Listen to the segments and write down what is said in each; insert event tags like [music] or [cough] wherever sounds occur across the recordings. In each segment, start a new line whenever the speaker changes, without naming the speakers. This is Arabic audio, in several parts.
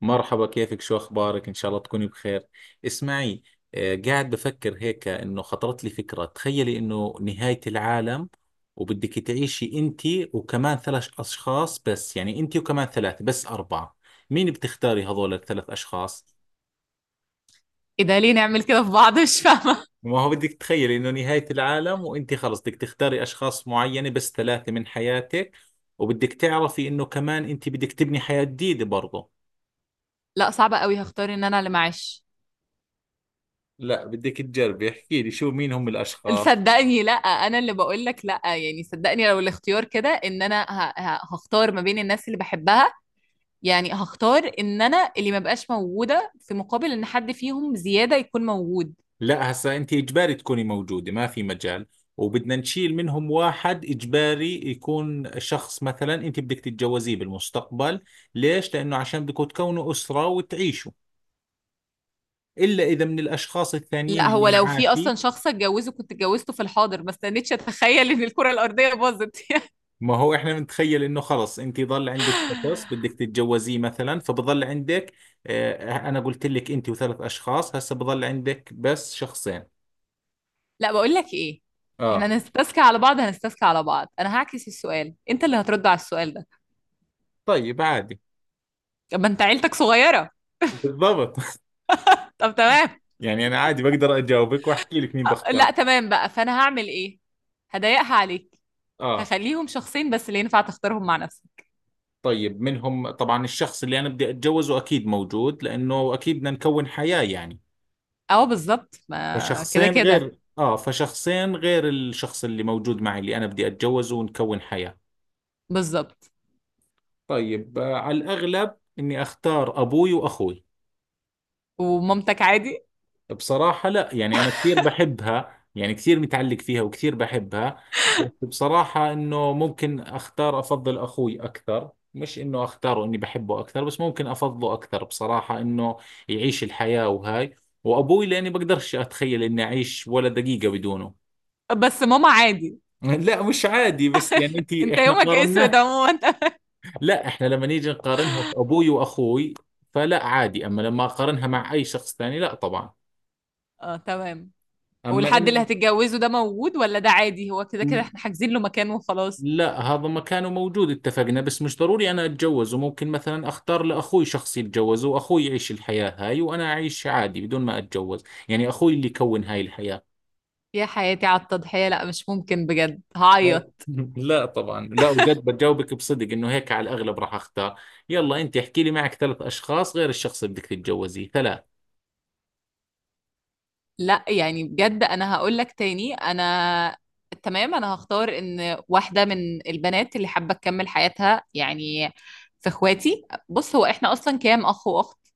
مرحبا، كيفك، شو أخبارك؟ إن شاء الله تكوني بخير. اسمعي. قاعد بفكر هيك إنه خطرت لي فكرة. تخيلي إنه نهاية العالم وبدك تعيشي أنت وكمان ثلاث أشخاص، بس يعني أنت وكمان ثلاثة، بس أربعة. مين بتختاري هذول الثلاث أشخاص؟
ايه ده؟ ليه نعمل كده في بعض؟ [laughs] مش فاهمة.
ما هو بدك تخيلي إنه نهاية العالم، وأنت خلص بدك تختاري أشخاص معينة، بس ثلاثة من حياتك. وبدك تعرفي إنه كمان أنت بدك تبني حياة جديدة برضه.
لا، صعبة قوي، هختار ان انا اللي معاش.
لا، بدك تجربي، احكي لي شو، مين هم الأشخاص.
صدقني لا، انا اللي بقول لك لا، يعني صدقني لو الاختيار كده ان انا هختار ما بين الناس اللي بحبها. يعني هختار ان انا اللي ما بقاش موجودة في مقابل ان حد فيهم زيادة يكون موجود.
لا، هسا انت اجباري تكوني موجوده، ما في مجال. وبدنا نشيل منهم واحد، اجباري يكون شخص مثلا انت بدك تتجوزيه بالمستقبل. ليش؟ لانه عشان بدكم تكونوا اسره وتعيشوا. الا اذا من الاشخاص الثانيين
لا،
اللي
هو لو في اصلا
معاكي.
شخص اتجوزه كنت اتجوزته في الحاضر، ما استنيتش اتخيل ان الكرة الارضية باظت. [laughs]
ما هو احنا بنتخيل انه خلص انت ضل عندك شخص بدك تتجوزيه مثلا، فبضل عندك. اه. انا قلت لك انت وثلاث اشخاص، هسا بضل عندك بس شخصين.
لا، بقول لك ايه. احنا
اه،
هنستسكى على بعض، هنستسكى على بعض. انا هعكس السؤال، انت اللي هترد على السؤال ده.
طيب، عادي.
طب ما انت عيلتك صغيرة؟
بالضبط.
طب تمام.
يعني انا عادي، بقدر اجاوبك واحكي لك مين
آه، لا
بختار.
تمام بقى، فانا هعمل ايه؟ هضايقها عليك.
اه،
هخليهم شخصين بس اللي ينفع تختارهم مع نفسك.
طيب، منهم طبعا الشخص اللي انا بدي اتجوزه اكيد موجود، لانه اكيد بدنا نكون حياة يعني.
اه بالظبط، ما كده كده.
فشخصين غير الشخص اللي موجود معي، اللي انا بدي اتجوزه ونكون حياة.
بالظبط.
طيب، على الاغلب اني اختار ابوي واخوي.
ومامتك عادي؟
بصراحة لا، يعني أنا كثير بحبها، يعني كثير متعلق فيها وكثير بحبها، بس بصراحة إنه ممكن أختار أفضل أخوي أكثر، مش إنه أختاره إني بحبه أكثر، بس ممكن أفضله أكثر بصراحة، إنه يعيش الحياة وهاي. وأبوي لأني بقدرش أتخيل إني أعيش ولا دقيقة بدونه.
بس ماما عادي؟
[laughs] لا، مش عادي، بس يعني أنت،
انت
إحنا
يومك اسود
قارناه.
عموما. [laughs]
لا، إحنا لما نيجي نقارنها في أبوي وأخوي، فلا عادي، أما لما أقارنها مع أي شخص ثاني لا طبعا.
اه تمام.
أما
والحد اللي
إن.
هتتجوزه ده موجود ولا ده عادي؟ هو كده كده احنا حاجزين له مكان وخلاص.
لا، هذا مكانه موجود اتفقنا، بس مش ضروري انا اتجوز، وممكن مثلا اختار لاخوي شخص يتجوز واخوي يعيش الحياة هاي، وانا اعيش عادي بدون ما اتجوز. يعني اخوي اللي يكون هاي الحياة.
يا حياتي على التضحية! لا مش ممكن، بجد
لا
هعيط.
[laughs] لا طبعا، لا وجد بجاوبك بصدق انه هيك على الاغلب راح اختار. يلا انت احكي لي، معك ثلاث اشخاص غير الشخص اللي بدك تتجوزيه، ثلاث.
لا يعني بجد انا هقول لك تاني، انا... تمام، انا هختار ان واحده من البنات اللي حابه تكمل حياتها يعني. في اخواتي. بص هو احنا اصلا كام اخ واخت؟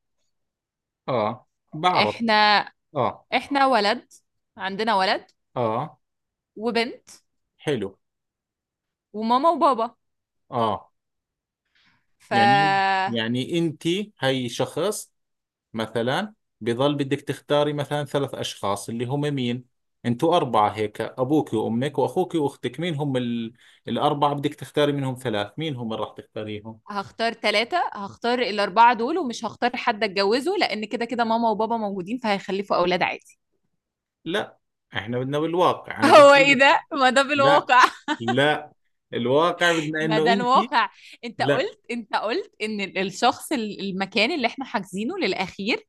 اه، بعرف.
احنا...
اه،
احنا ولد. عندنا ولد.
اه،
وبنت.
حلو،
وماما وبابا.
اه.
ف
يعني يعني انت، هي شخص مثلا، بظل بدك تختاري مثلا ثلاث أشخاص اللي هم مين. أنتوا أربعة هيك، أبوك وأمك وأخوك وأختك، مين هم الأربعة بدك تختاري منهم ثلاث، مين هم اللي راح تختاريهم.
هختار الأربعة دول، ومش هختار حد أتجوزه، لأن كده كده ماما وبابا موجودين فهيخلفوا أولاد عادي.
لا، إحنا بدنا بالواقع،
[laughs]
أنا قلت
هو إيه
لك.
ده؟ ما ده
لا،
بالواقع.
لا، الواقع بدنا
ما
إنه
ده
أنت.
الواقع. انت
لا،
قلت انت قلت ان المكان اللي احنا حاجزينه للاخير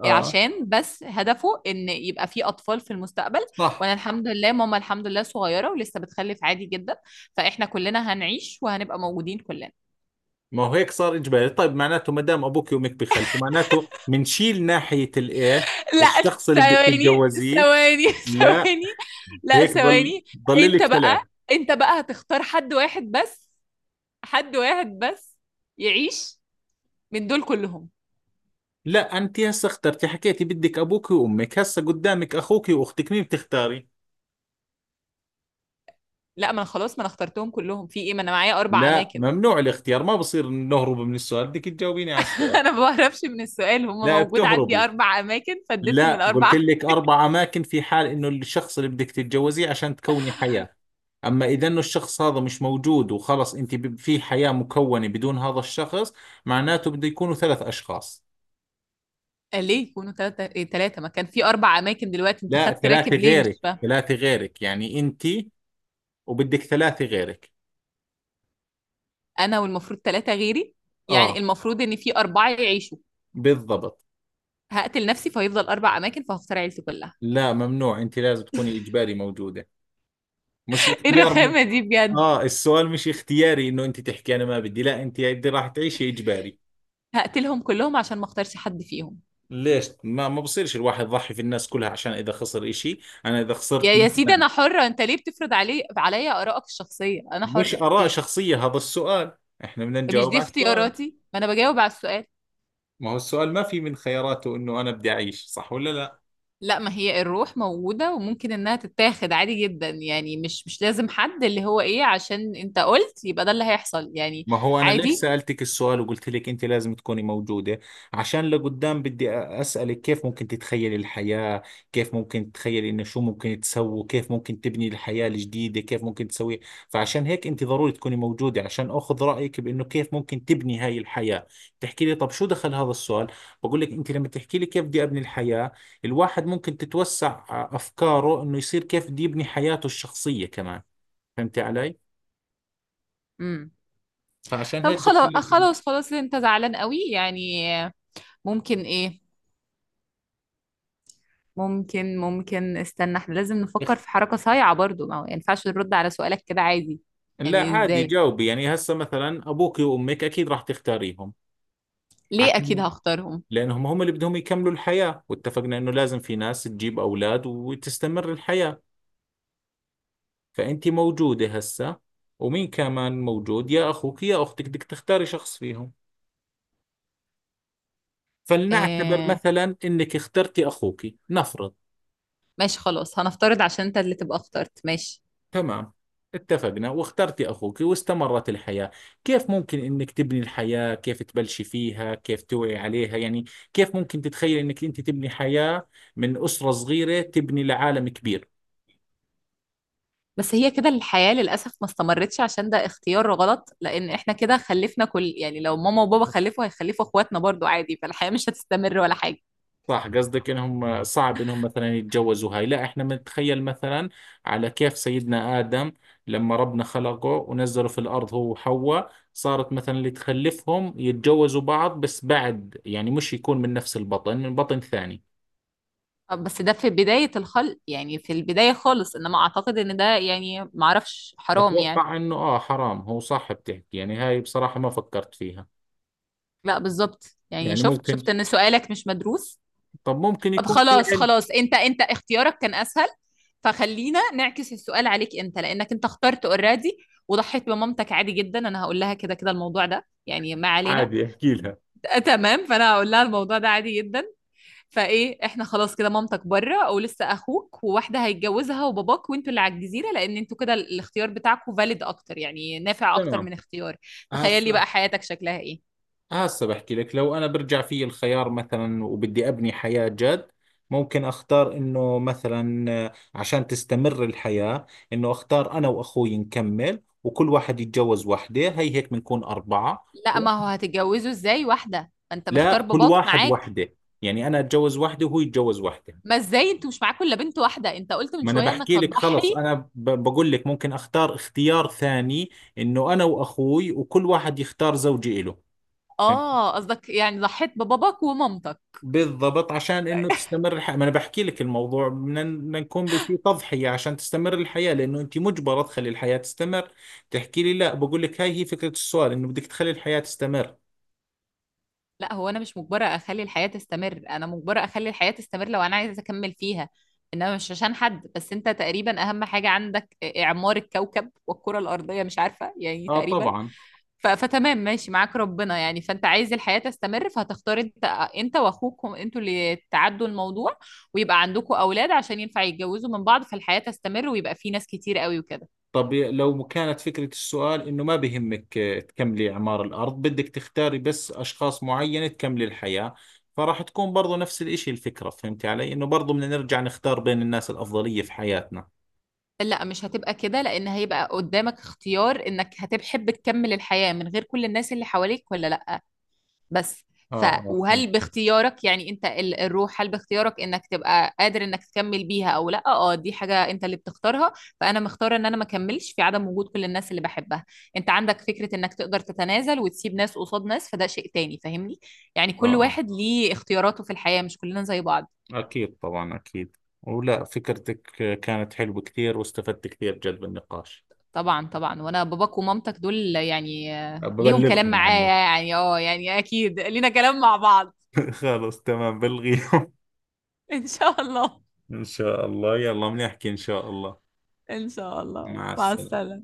آه،
عشان بس هدفه ان يبقى فيه اطفال في المستقبل.
صح.
وانا الحمد لله، ماما الحمد لله صغيره ولسه بتخلف عادي جدا، فاحنا كلنا هنعيش وهنبقى موجودين كلنا.
ما هو هيك صار إجباري. طيب، معناته ما دام أبوك وأمك بخلفوا، معناته منشيل ناحية الإيه،
لا
الشخص اللي بدك
ثواني،
تتجوزيه.
ثواني. [laughs]
لا،
ثواني. لا،
هيك ضل
ثواني.
ضل
انت
لك ثلاث.
بقى انت بقى هتختار حد واحد بس. حد واحد بس. يعيش. من دول كلهم.
لا، انت هسه اخترتي، حكيتي بدك ابوك وامك، هسه قدامك اخوك واختك، مين بتختاري؟
لا، ما انا خلاص، ما انا اخترتهم كلهم. في ايه؟ ما انا معايا اربع
لا،
اماكن.
ممنوع الاختيار، ما بصير نهرب من السؤال، بدك تجاوبيني على
[laughs]
السؤال.
انا ما بعرفش، من السؤال هم
لا،
موجود عندي
بتهربي.
اربع اماكن
لا،
فاديتهم
قلت
الاربعه.
لك اربع اماكن في حال انه الشخص اللي بدك تتجوزيه عشان تكوني حياة. اما اذا انه الشخص هذا مش موجود، وخلص انت في حياة مكونة بدون هذا الشخص، معناته بده يكونوا ثلاث اشخاص.
[laughs] ليه يكونوا ثلاثه؟ ايه ثلاثه؟ ما كان في اربع اماكن، دلوقتي انت
لا،
خدت
ثلاثة
راكب ليه؟ مش
غيرك،
فاهم.
يعني انت، وبدك ثلاثة غيرك.
انا والمفروض ثلاثه غيري، يعني
اه،
المفروض ان في اربعه يعيشوا.
بالضبط.
هقتل نفسي فهيفضل اربع اماكن، فهختار عيلتي كلها.
لا، ممنوع، انت لازم تكوني اجباري موجوده، مش
[laughs] ايه
اختيار
الرخامه دي بجد؟
اه، السؤال مش اختياري، انه انت تحكي انا ما بدي، لا انت بدي راح تعيشي اجباري.
هقتلهم كلهم عشان ما اختارش حد فيهم.
ليش؟ ما بصيرش الواحد يضحي في الناس كلها عشان اذا خسر اشي؟ انا اذا
يا
خسرت
يا سيدي
مثلا.
انا حره، انت ليه بتفرض عليا ارائك الشخصيه؟ انا
مش
حره،
اراء
مش...
شخصيه هذا السؤال، احنا بدنا
مش
نجاوب
دي
على السؤال.
اختياراتي، ما انا بجاوب على السؤال.
ما هو السؤال ما في من خياراته انه انا بدي اعيش، صح ولا لا؟
لا، ما هي الروح موجودة وممكن انها تتاخد عادي جدا يعني، مش لازم حد اللي هو ايه عشان انت قلت يبقى ده اللي هيحصل يعني.
ما هو أنا ليش
عادي.
سألتك السؤال وقلت لك أنت لازم تكوني موجودة؟ عشان لقدام بدي أسألك كيف ممكن تتخيلي الحياة، كيف ممكن تتخيلي إنه شو ممكن تسووا، كيف ممكن تبني الحياة الجديدة، كيف ممكن تسوي. فعشان هيك أنت ضروري تكوني موجودة، عشان أخذ رأيك بإنه كيف ممكن تبني هاي الحياة. تحكي لي، طب شو دخل هذا السؤال؟ بقول لك أنت لما تحكي لي كيف بدي أبني الحياة، الواحد ممكن تتوسع أفكاره إنه يصير كيف بده يبني حياته الشخصية كمان، فهمتي علي؟
امم.
فعشان
طب
هيك قلت
خلاص خلاص خلاص، انت زعلان قوي يعني؟ ممكن ايه؟ ممكن استنى، احنا لازم نفكر
لك.
في حركة صايعة برضو، ما هو ينفعش نرد على سؤالك كده عادي.
لا،
يعني
عادي،
ازاي؟
جاوبي، يعني هسه مثلا ابوك وامك اكيد راح تختاريهم،
ليه اكيد
عشان
هختارهم؟
لانهم هم اللي بدهم يكملوا الحياة، واتفقنا انه لازم في ناس تجيب اولاد وتستمر الحياة. فانت موجودة هسه، ومين كمان موجود، يا اخوك يا اختك، بدك تختاري شخص فيهم. فلنعتبر
آه
مثلا انك اخترتي اخوك، نفرض.
ماشي خلاص، هنفترض عشان انت اللي تبقى اخترت، ماشي.
تمام، اتفقنا، واخترت أخوك واستمرت الحياة. كيف ممكن إنك تبني الحياة، كيف تبلشي فيها، كيف توعي عليها يعني، كيف ممكن تتخيل إنك أنت تبني حياة من أسرة صغيرة تبني لعالم كبير.
بس هي كده الحياة للأسف ما استمرتش، عشان ده اختيار غلط، لأن إحنا كده خلفنا كل يعني لو ماما وبابا خلفوا هيخلفوا إخواتنا برضو عادي، فالحياة مش هتستمر ولا حاجة.
صح، قصدك إنهم صعب إنهم مثلا يتجوزوا هاي. لا، إحنا بنتخيل مثلا على كيف سيدنا آدم، لما ربنا خلقه ونزله في الأرض هو وحواء، صارت مثلا اللي تخلفهم يتجوزوا بعض، بس بعد يعني مش يكون من نفس البطن، من بطن ثاني.
بس ده في بداية الخلق، يعني في البداية خالص، إنما أعتقد إن ده يعني معرفش حرام يعني.
أتوقع إنه حرام، هو صح بتحكي، يعني هاي بصراحة ما فكرت فيها.
لا بالظبط يعني،
يعني
شفت
ممكن،
إن سؤالك مش مدروس.
طب ممكن
طب
يكون في
خلاص
علم.
خلاص، أنت اختيارك كان أسهل، فخلينا نعكس السؤال عليك أنت، لأنك أنت اخترت أوريدي وضحيت بمامتك عادي جدا. أنا هقول لها كده كده الموضوع ده، يعني ما علينا.
عادي، أحكي لها.
آه، تمام، فانا هقول لها الموضوع ده عادي جدا. فايه، احنا خلاص كده، مامتك بره او لسه، اخوك وواحده هيتجوزها، وباباك وانتوا اللي على الجزيره، لان انتوا كده الاختيار بتاعكم فاليد اكتر يعني، نافع اكتر
تمام.
من اختيار. تخيلي
هسا،
بقى حياتك شكلها ايه؟
بحكي لك، لو أنا برجع في الخيار مثلا، وبدي أبني حياة جد، ممكن أختار إنه مثلا، عشان تستمر الحياة، إنه أختار أنا وأخوي نكمل، وكل واحد يتجوز وحده، هي هيك بنكون أربعة.
لا ما هو هتتجوزوا ازاي واحده؟ ما انت
لا،
مختار
كل
باباك
واحد
معاك.
وحده، يعني أنا أتجوز وحده وهو يتجوز وحده.
ما ازاي؟ انتوا مش معاكوا الا بنت واحده، انت قلت من
ما انا
شويه انك
بحكي لك، خلص
هتضحي.
انا بقول لك ممكن اختار اختيار ثاني، انه انا واخوي وكل واحد يختار زوجة إله، فهمت؟
اه قصدك يعني ضحيت بباباك ومامتك؟
بالضبط، عشان انه تستمر الحياة. ما انا بحكي لك الموضوع، بدنا، نكون في تضحية عشان تستمر الحياة، لانه انت مجبرة تخلي الحياة تستمر. تحكي لي، لا بقول لك، هاي هي فكرة السؤال، انه بدك تخلي الحياة تستمر.
لا هو انا مش مجبره اخلي الحياه تستمر، انا مجبره اخلي الحياه تستمر لو انا عايزه اكمل فيها. انما مش عشان حد، بس انت تقريبا اهم حاجه عندك اعمار الكوكب والكره الارضيه، مش عارفه يعني
اه،
تقريبا.
طبعا.
فتمام ماشي معاك ربنا يعني، فانت عايز الحياه تستمر فهتختار انت. انت واخوكم انتوا اللي تعدوا الموضوع، ويبقى عندكم اولاد عشان ينفع يتجوزوا من بعض، فالحياه تستمر ويبقى في ناس كتير قوي وكده.
طب لو كانت فكرة السؤال إنه ما بهمك، تكملي إعمار الأرض، بدك تختاري بس أشخاص معينة تكملي الحياة، فراح تكون برضو نفس الإشي الفكرة، فهمتي علي؟ إنه برضو بدنا نرجع نختار بين الناس الأفضلية في حياتنا.
لا مش هتبقى كده، لان هيبقى قدامك اختيار انك هتحب تكمل الحياه من غير كل الناس اللي حواليك ولا لا. بس.
آه،
ف
آه، فهمت.
وهل باختيارك يعني انت الروح، هل باختيارك انك تبقى قادر انك تكمل بيها او لا؟ اه دي حاجة انت اللي بتختارها. فانا مختارة ان انا ما اكملش في عدم وجود كل الناس اللي بحبها. انت عندك فكرة انك تقدر تتنازل وتسيب ناس قصاد ناس، فده شيء تاني، فاهمني؟ يعني
آه،
كل
آه،
واحد ليه اختياراته في الحياة، مش كلنا زي بعض.
أكيد، طبعا، أكيد. ولا فكرتك، كانت حلوة كثير، واستفدت كثير جد بالنقاش.
طبعا طبعا، وانا باباك ومامتك دول يعني ليهم كلام
ببلغهم
معايا
عنك.
يعني، اه يعني اكيد لينا كلام مع بعض.
[laughs] خلاص، تمام، بلغيهم.
[laughs] ان شاء الله.
[laughs] إن شاء الله، يلا، بنحكي إن شاء الله.
ان شاء الله،
مع
مع
السلامة.
السلامة.